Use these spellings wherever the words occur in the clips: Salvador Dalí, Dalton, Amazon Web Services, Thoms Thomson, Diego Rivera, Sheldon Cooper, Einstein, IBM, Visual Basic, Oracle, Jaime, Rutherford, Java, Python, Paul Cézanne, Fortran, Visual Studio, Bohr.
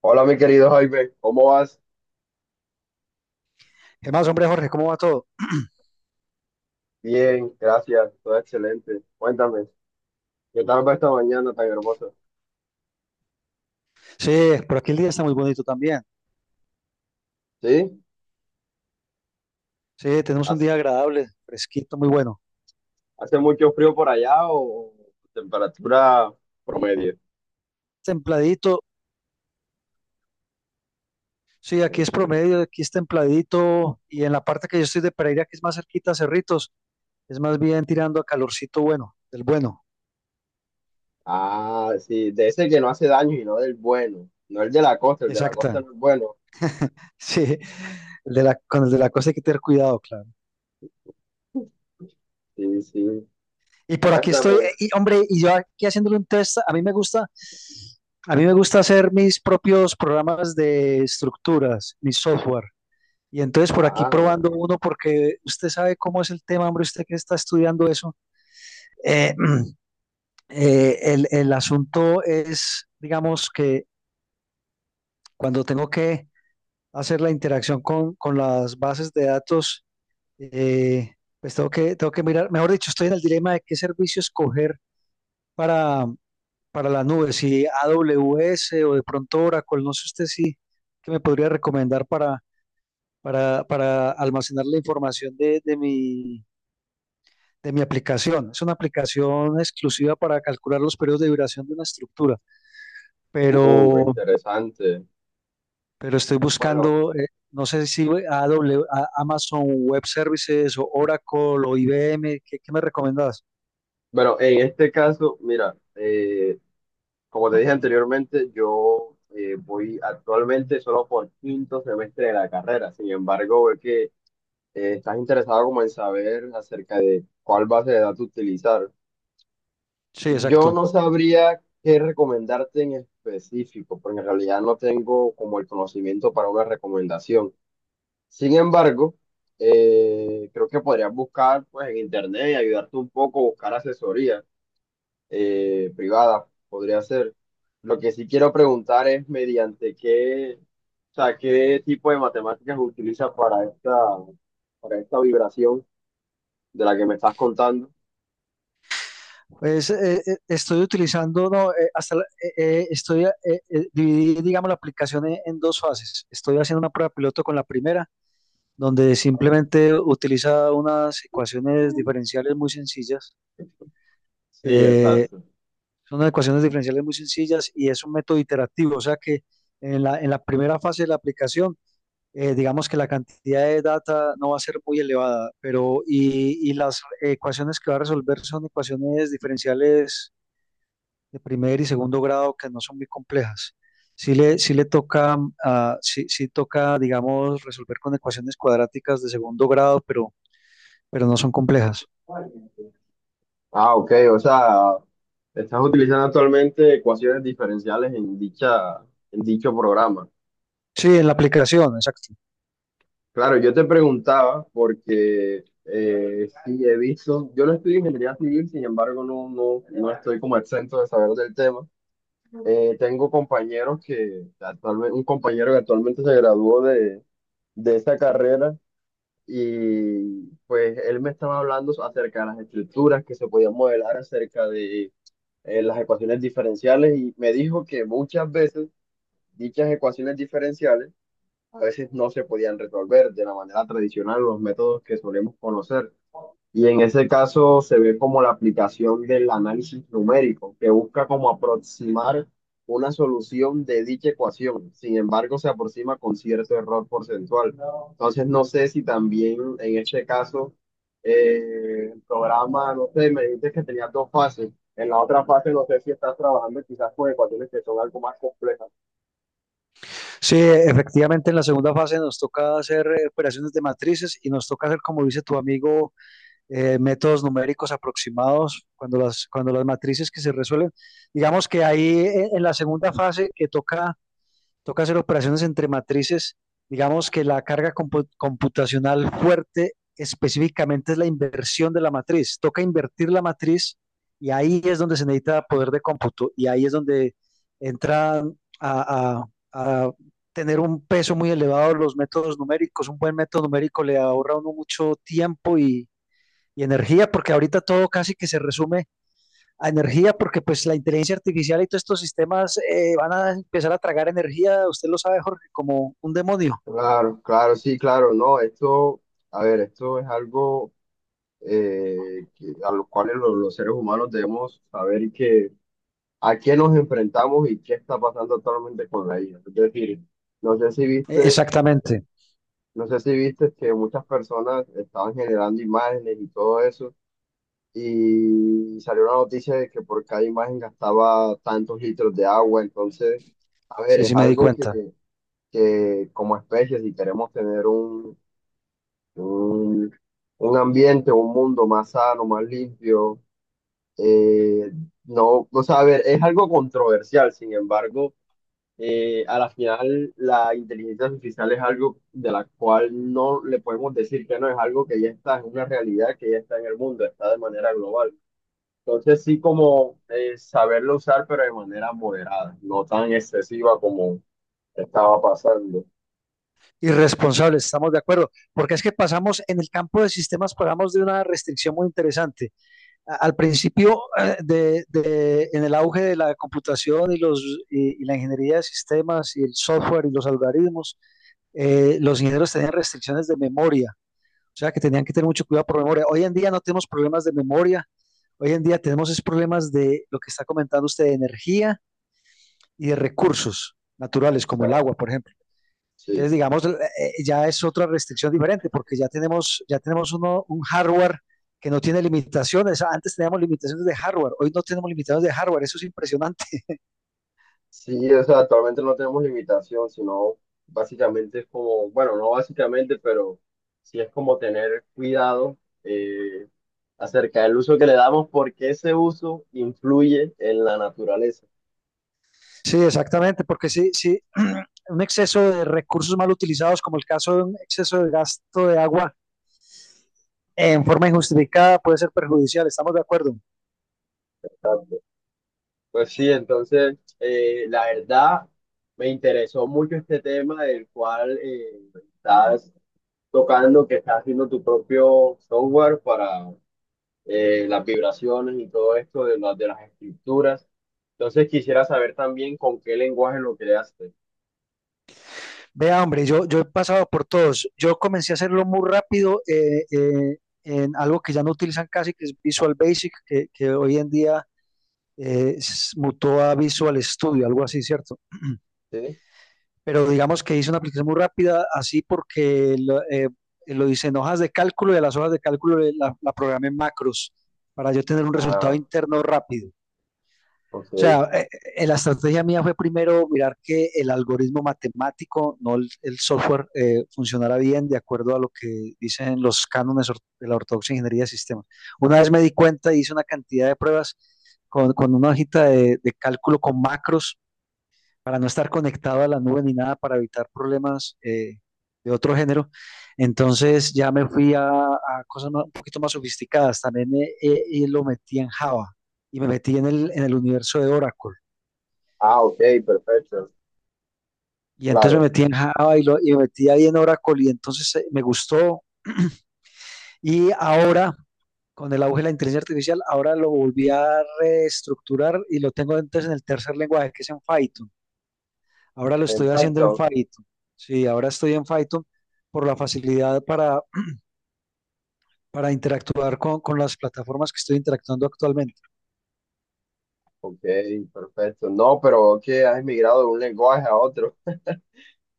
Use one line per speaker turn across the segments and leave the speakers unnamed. Hola, mi querido Jaime, ¿cómo vas?
¿Qué más, hombre, Jorge? ¿Cómo va todo?
Bien, gracias, todo excelente. Cuéntame, ¿qué tal va esta mañana tan hermosa?
Sí, por aquí el día está muy bonito también.
¿Sí?
Sí, tenemos un día
¿Hace,
agradable, fresquito, muy bueno.
hace mucho frío por allá o temperatura promedio?
Templadito, sí, aquí es
Tranquilo.
promedio, aquí es templadito. Y en la parte que yo estoy de Pereira, que es más cerquita a Cerritos, es más bien tirando a calorcito bueno, del bueno.
Ah, sí, de ese que no hace daño y no del bueno, no el de la costa, el de la
Exacta.
costa no es bueno.
Sí, el de la, con el de la cosa hay que tener cuidado, claro.
Sí, sí,
Y por aquí estoy,
cuéntame.
y, hombre, y yo aquí haciéndole un test, a mí me gusta, a mí me gusta hacer mis propios programas de estructuras, mi software. Y entonces por aquí
Ah,
probando uno, porque usted sabe cómo es el tema, hombre, usted que está estudiando eso. Eh, el asunto es, digamos, que cuando tengo que hacer la interacción con las bases de datos, eh, pues tengo tengo que mirar, mejor dicho, estoy en el dilema de qué servicio escoger para, para la nube, si AWS o de pronto Oracle, no sé usted si qué me podría recomendar para almacenar la información de mi aplicación. Es una aplicación exclusiva para calcular los periodos de duración de una estructura, pero,
interesante.
pero estoy
Bueno,
buscando, no sé si Amazon Web Services o Oracle o IBM, ¿qué, qué me recomendás?
bueno, en este caso, mira, Como te dije anteriormente, yo voy actualmente solo por quinto semestre de la carrera. Sin embargo, veo que estás interesado como en saber acerca de cuál base de datos utilizar.
Sí,
Yo
exacto.
no sabría qué recomendarte en específico, porque en realidad no tengo como el conocimiento para una recomendación. Sin embargo, creo que podrías buscar pues en internet y ayudarte un poco, buscar asesoría privada, podría ser. Lo que sí quiero preguntar es mediante o sea, qué tipo de matemáticas utiliza para para esta vibración de la que me estás contando.
Pues, estoy utilizando, no, estoy, dividí, digamos, la aplicación en dos fases. Estoy haciendo una prueba piloto con la primera, donde
Ajá.
simplemente utiliza unas ecuaciones diferenciales muy sencillas.
Sí,
eh,
exacto.
Son ecuaciones diferenciales muy sencillas y es un método iterativo, o sea que en la primera fase de la aplicación, digamos que la cantidad de data no va a ser muy elevada, pero y las ecuaciones que va a resolver son ecuaciones diferenciales de primer y segundo grado que no son muy complejas. Sí le toca, ah, sí, sí toca, digamos, resolver con ecuaciones cuadráticas de segundo grado, pero no son complejas.
Ah, ok, o sea, estás utilizando actualmente ecuaciones diferenciales en en dicho programa.
Sí, en la aplicación, exacto.
Claro, yo te preguntaba porque sí he visto, yo no estudio ingeniería civil, sin embargo no estoy como exento de saber del tema. Tengo compañeros que un compañero que actualmente se graduó de esa carrera y pues él me estaba hablando acerca de las estructuras que se podían modelar, acerca de las ecuaciones diferenciales y me dijo que muchas veces dichas ecuaciones diferenciales a veces no se podían resolver de la manera tradicional los métodos que solemos conocer. Y en ese caso se ve como la aplicación del análisis numérico, que busca como aproximar una solución de dicha ecuación. Sin embargo, se aproxima con cierto error porcentual. Entonces, no sé si también en este caso el programa, no sé, me dices que tenía dos fases. En la otra fase, no sé si estás trabajando quizás con ecuaciones que son algo más complejas.
Sí, efectivamente en la segunda fase nos toca hacer operaciones de matrices y nos toca hacer, como dice tu amigo, métodos numéricos aproximados cuando las matrices que se resuelven. Digamos que ahí en la segunda fase que toca toca hacer operaciones entre matrices. Digamos que la carga computacional fuerte específicamente es la inversión de la matriz. Toca invertir la matriz y ahí es donde se necesita poder de cómputo y ahí es donde entran a tener un peso muy elevado los métodos numéricos. Un buen método numérico le ahorra a uno mucho tiempo y energía porque ahorita todo casi que se resume a energía, porque pues la inteligencia artificial y todos estos sistemas van a empezar a tragar energía, usted lo sabe, Jorge, como un demonio.
Claro, claro, sí, claro, no, esto, a ver, esto es algo que- a lo cual lo- los seres humanos debemos saber que a qué nos enfrentamos y qué está pasando actualmente con la IA. Es decir, no sé si viste,
Exactamente,
no sé si viste que muchas personas estaban generando imágenes y todo eso, y salió una noticia de que por cada imagen gastaba tantos litros de agua, entonces, a ver,
sí, sí
es
me di
algo
cuenta.
que como especie, si queremos tener un, un ambiente, un mundo más sano, más limpio. eh, no, o sea, a ver, es algo controversial, sin embargo, a la final la inteligencia artificial es algo de la cual no le podemos decir que no, es algo que ya está, es una realidad que ya está en el mundo, está de manera global. Entonces sí como saberlo usar, pero de manera moderada, no tan excesiva como estaba pasando.
Irresponsables, estamos de acuerdo, porque es que pasamos en el campo de sistemas, pasamos de una restricción muy interesante. Al principio, en el auge de la computación y y la ingeniería de sistemas y el software y los algoritmos, los ingenieros tenían restricciones de memoria. O sea que tenían que tener mucho cuidado por memoria. Hoy en día no tenemos problemas de memoria. Hoy en día tenemos es problemas de lo que está comentando usted, de energía y de recursos naturales,
O
como
sea,
el agua, por ejemplo.
sí.
Entonces, digamos, ya es otra restricción diferente, porque ya tenemos uno, un hardware que no tiene limitaciones. Antes teníamos limitaciones de hardware, hoy no tenemos limitaciones de hardware, eso es impresionante.
Sí, o sea, actualmente no tenemos limitación, sino básicamente es como, bueno, no básicamente, pero sí es como tener cuidado eh, acerca del uso que le damos, porque ese uso influye en la naturaleza.
Sí, exactamente, porque sí, sí, un exceso de recursos mal utilizados, como el caso de un exceso de gasto de agua en forma injustificada puede ser perjudicial, estamos de acuerdo.
Exacto. Pues sí, entonces, la verdad, me interesó mucho este tema del cual estás tocando, que estás haciendo tu propio software las vibraciones y todo esto de las escrituras. Entonces quisiera saber también con qué lenguaje lo creaste.
Vea, hombre, yo he pasado por todos. Yo comencé a hacerlo muy rápido en algo que ya no utilizan casi, que es Visual Basic, que hoy en día mutó a Visual Studio, algo así, ¿cierto?
¿Sí?
Pero digamos que hice una aplicación muy rápida, así porque lo hice en hojas de cálculo y a las hojas de cálculo la programé en macros para yo tener un resultado
Ah,
interno rápido. O
ok.
sea, la estrategia mía fue primero mirar que el algoritmo matemático, no el software, funcionara bien de acuerdo a lo que dicen los cánones de la ortodoxa ingeniería de sistemas. Una vez me di cuenta, y hice una cantidad de pruebas con una hojita de cálculo con macros para no estar conectado a la nube ni nada, para evitar problemas de otro género. Entonces ya me fui a cosas un poquito más sofisticadas. También y lo metí en Java y me metí en el universo de Oracle.
Ah, ok, perfecto.
Y entonces me
Claro.
metí en Java y me metí ahí en Oracle y entonces me gustó. Y ahora, con el auge de la inteligencia artificial, ahora lo volví a reestructurar y lo tengo entonces en el tercer lenguaje, que es en Python. Ahora lo
En
estoy haciendo en
Python.
Python. Sí, ahora estoy en Python por la facilidad para interactuar con las plataformas que estoy interactuando actualmente.
Ok, perfecto. No, pero que has migrado de un lenguaje a otro.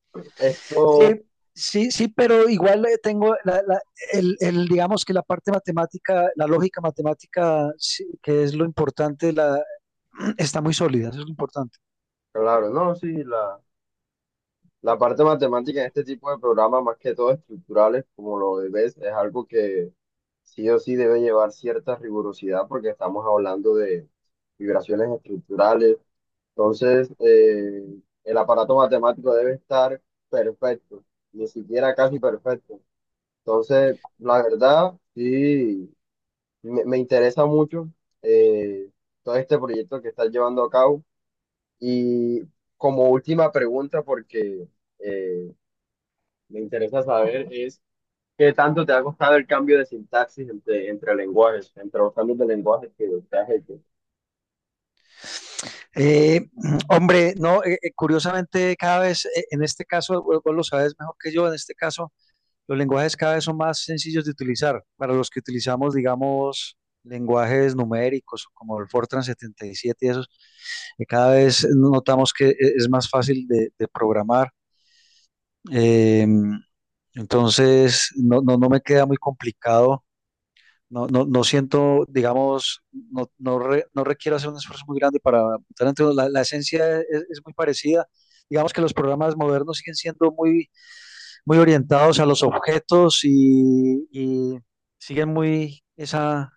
Sí,
Esto,
sí, sí, pero igual tengo digamos que la parte matemática, la lógica matemática, sí, que es lo importante, la, está muy sólida, eso es lo importante.
claro, no, sí, la parte matemática en este tipo de programas, más que todo estructurales, como lo ves, es algo que sí o sí debe llevar cierta rigurosidad porque estamos hablando de vibraciones estructurales. Entonces, el aparato matemático debe estar perfecto, ni siquiera casi perfecto. Entonces, la verdad, sí, me interesa mucho eh, todo este proyecto que estás llevando a cabo. Y como última pregunta, porque... eh, me interesa saber es qué tanto te ha costado el cambio de sintaxis entre lenguajes, entre los cambios de lenguajes que te has hecho.
Eh, hombre, no, curiosamente cada vez, en este caso, vos, vos lo sabes mejor que yo, en este caso, los lenguajes cada vez son más sencillos de utilizar para los que utilizamos, digamos, lenguajes numéricos como el Fortran 77 y esos, que cada vez notamos que es más fácil de programar. Eh, entonces, no, no, no me queda muy complicado. No, no, no siento, digamos, no, no, no requiero hacer un esfuerzo muy grande para votar. Entonces, la esencia es muy parecida. Digamos que los programas modernos siguen siendo muy, muy orientados a los objetos y siguen muy esa,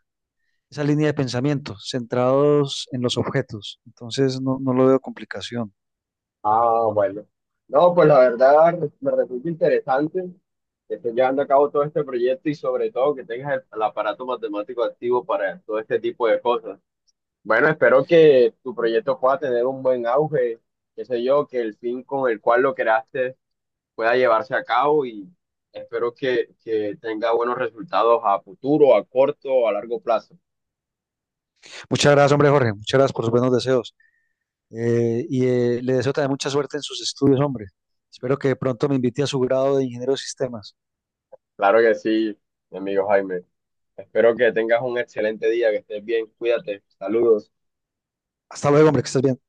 esa línea de pensamiento, centrados en los objetos. Entonces, no, no lo veo complicación.
Ah, bueno. No, pues la verdad me resulta interesante que estés llevando a cabo todo este proyecto y sobre todo que tengas el aparato matemático activo para todo este tipo de cosas. Bueno, espero que tu proyecto pueda tener un buen auge, qué sé yo, que el fin con el cual lo creaste pueda llevarse a cabo y espero que tenga buenos resultados a futuro, a corto o a largo plazo.
Muchas gracias, hombre, Jorge. Muchas gracias por sus buenos deseos. Le deseo también mucha suerte en sus estudios, hombre. Espero que pronto me invite a su grado de ingeniero de sistemas.
Claro que sí, mi amigo Jaime. Espero que tengas un excelente día, que estés bien, cuídate, saludos.
Hasta luego, hombre, que estés bien.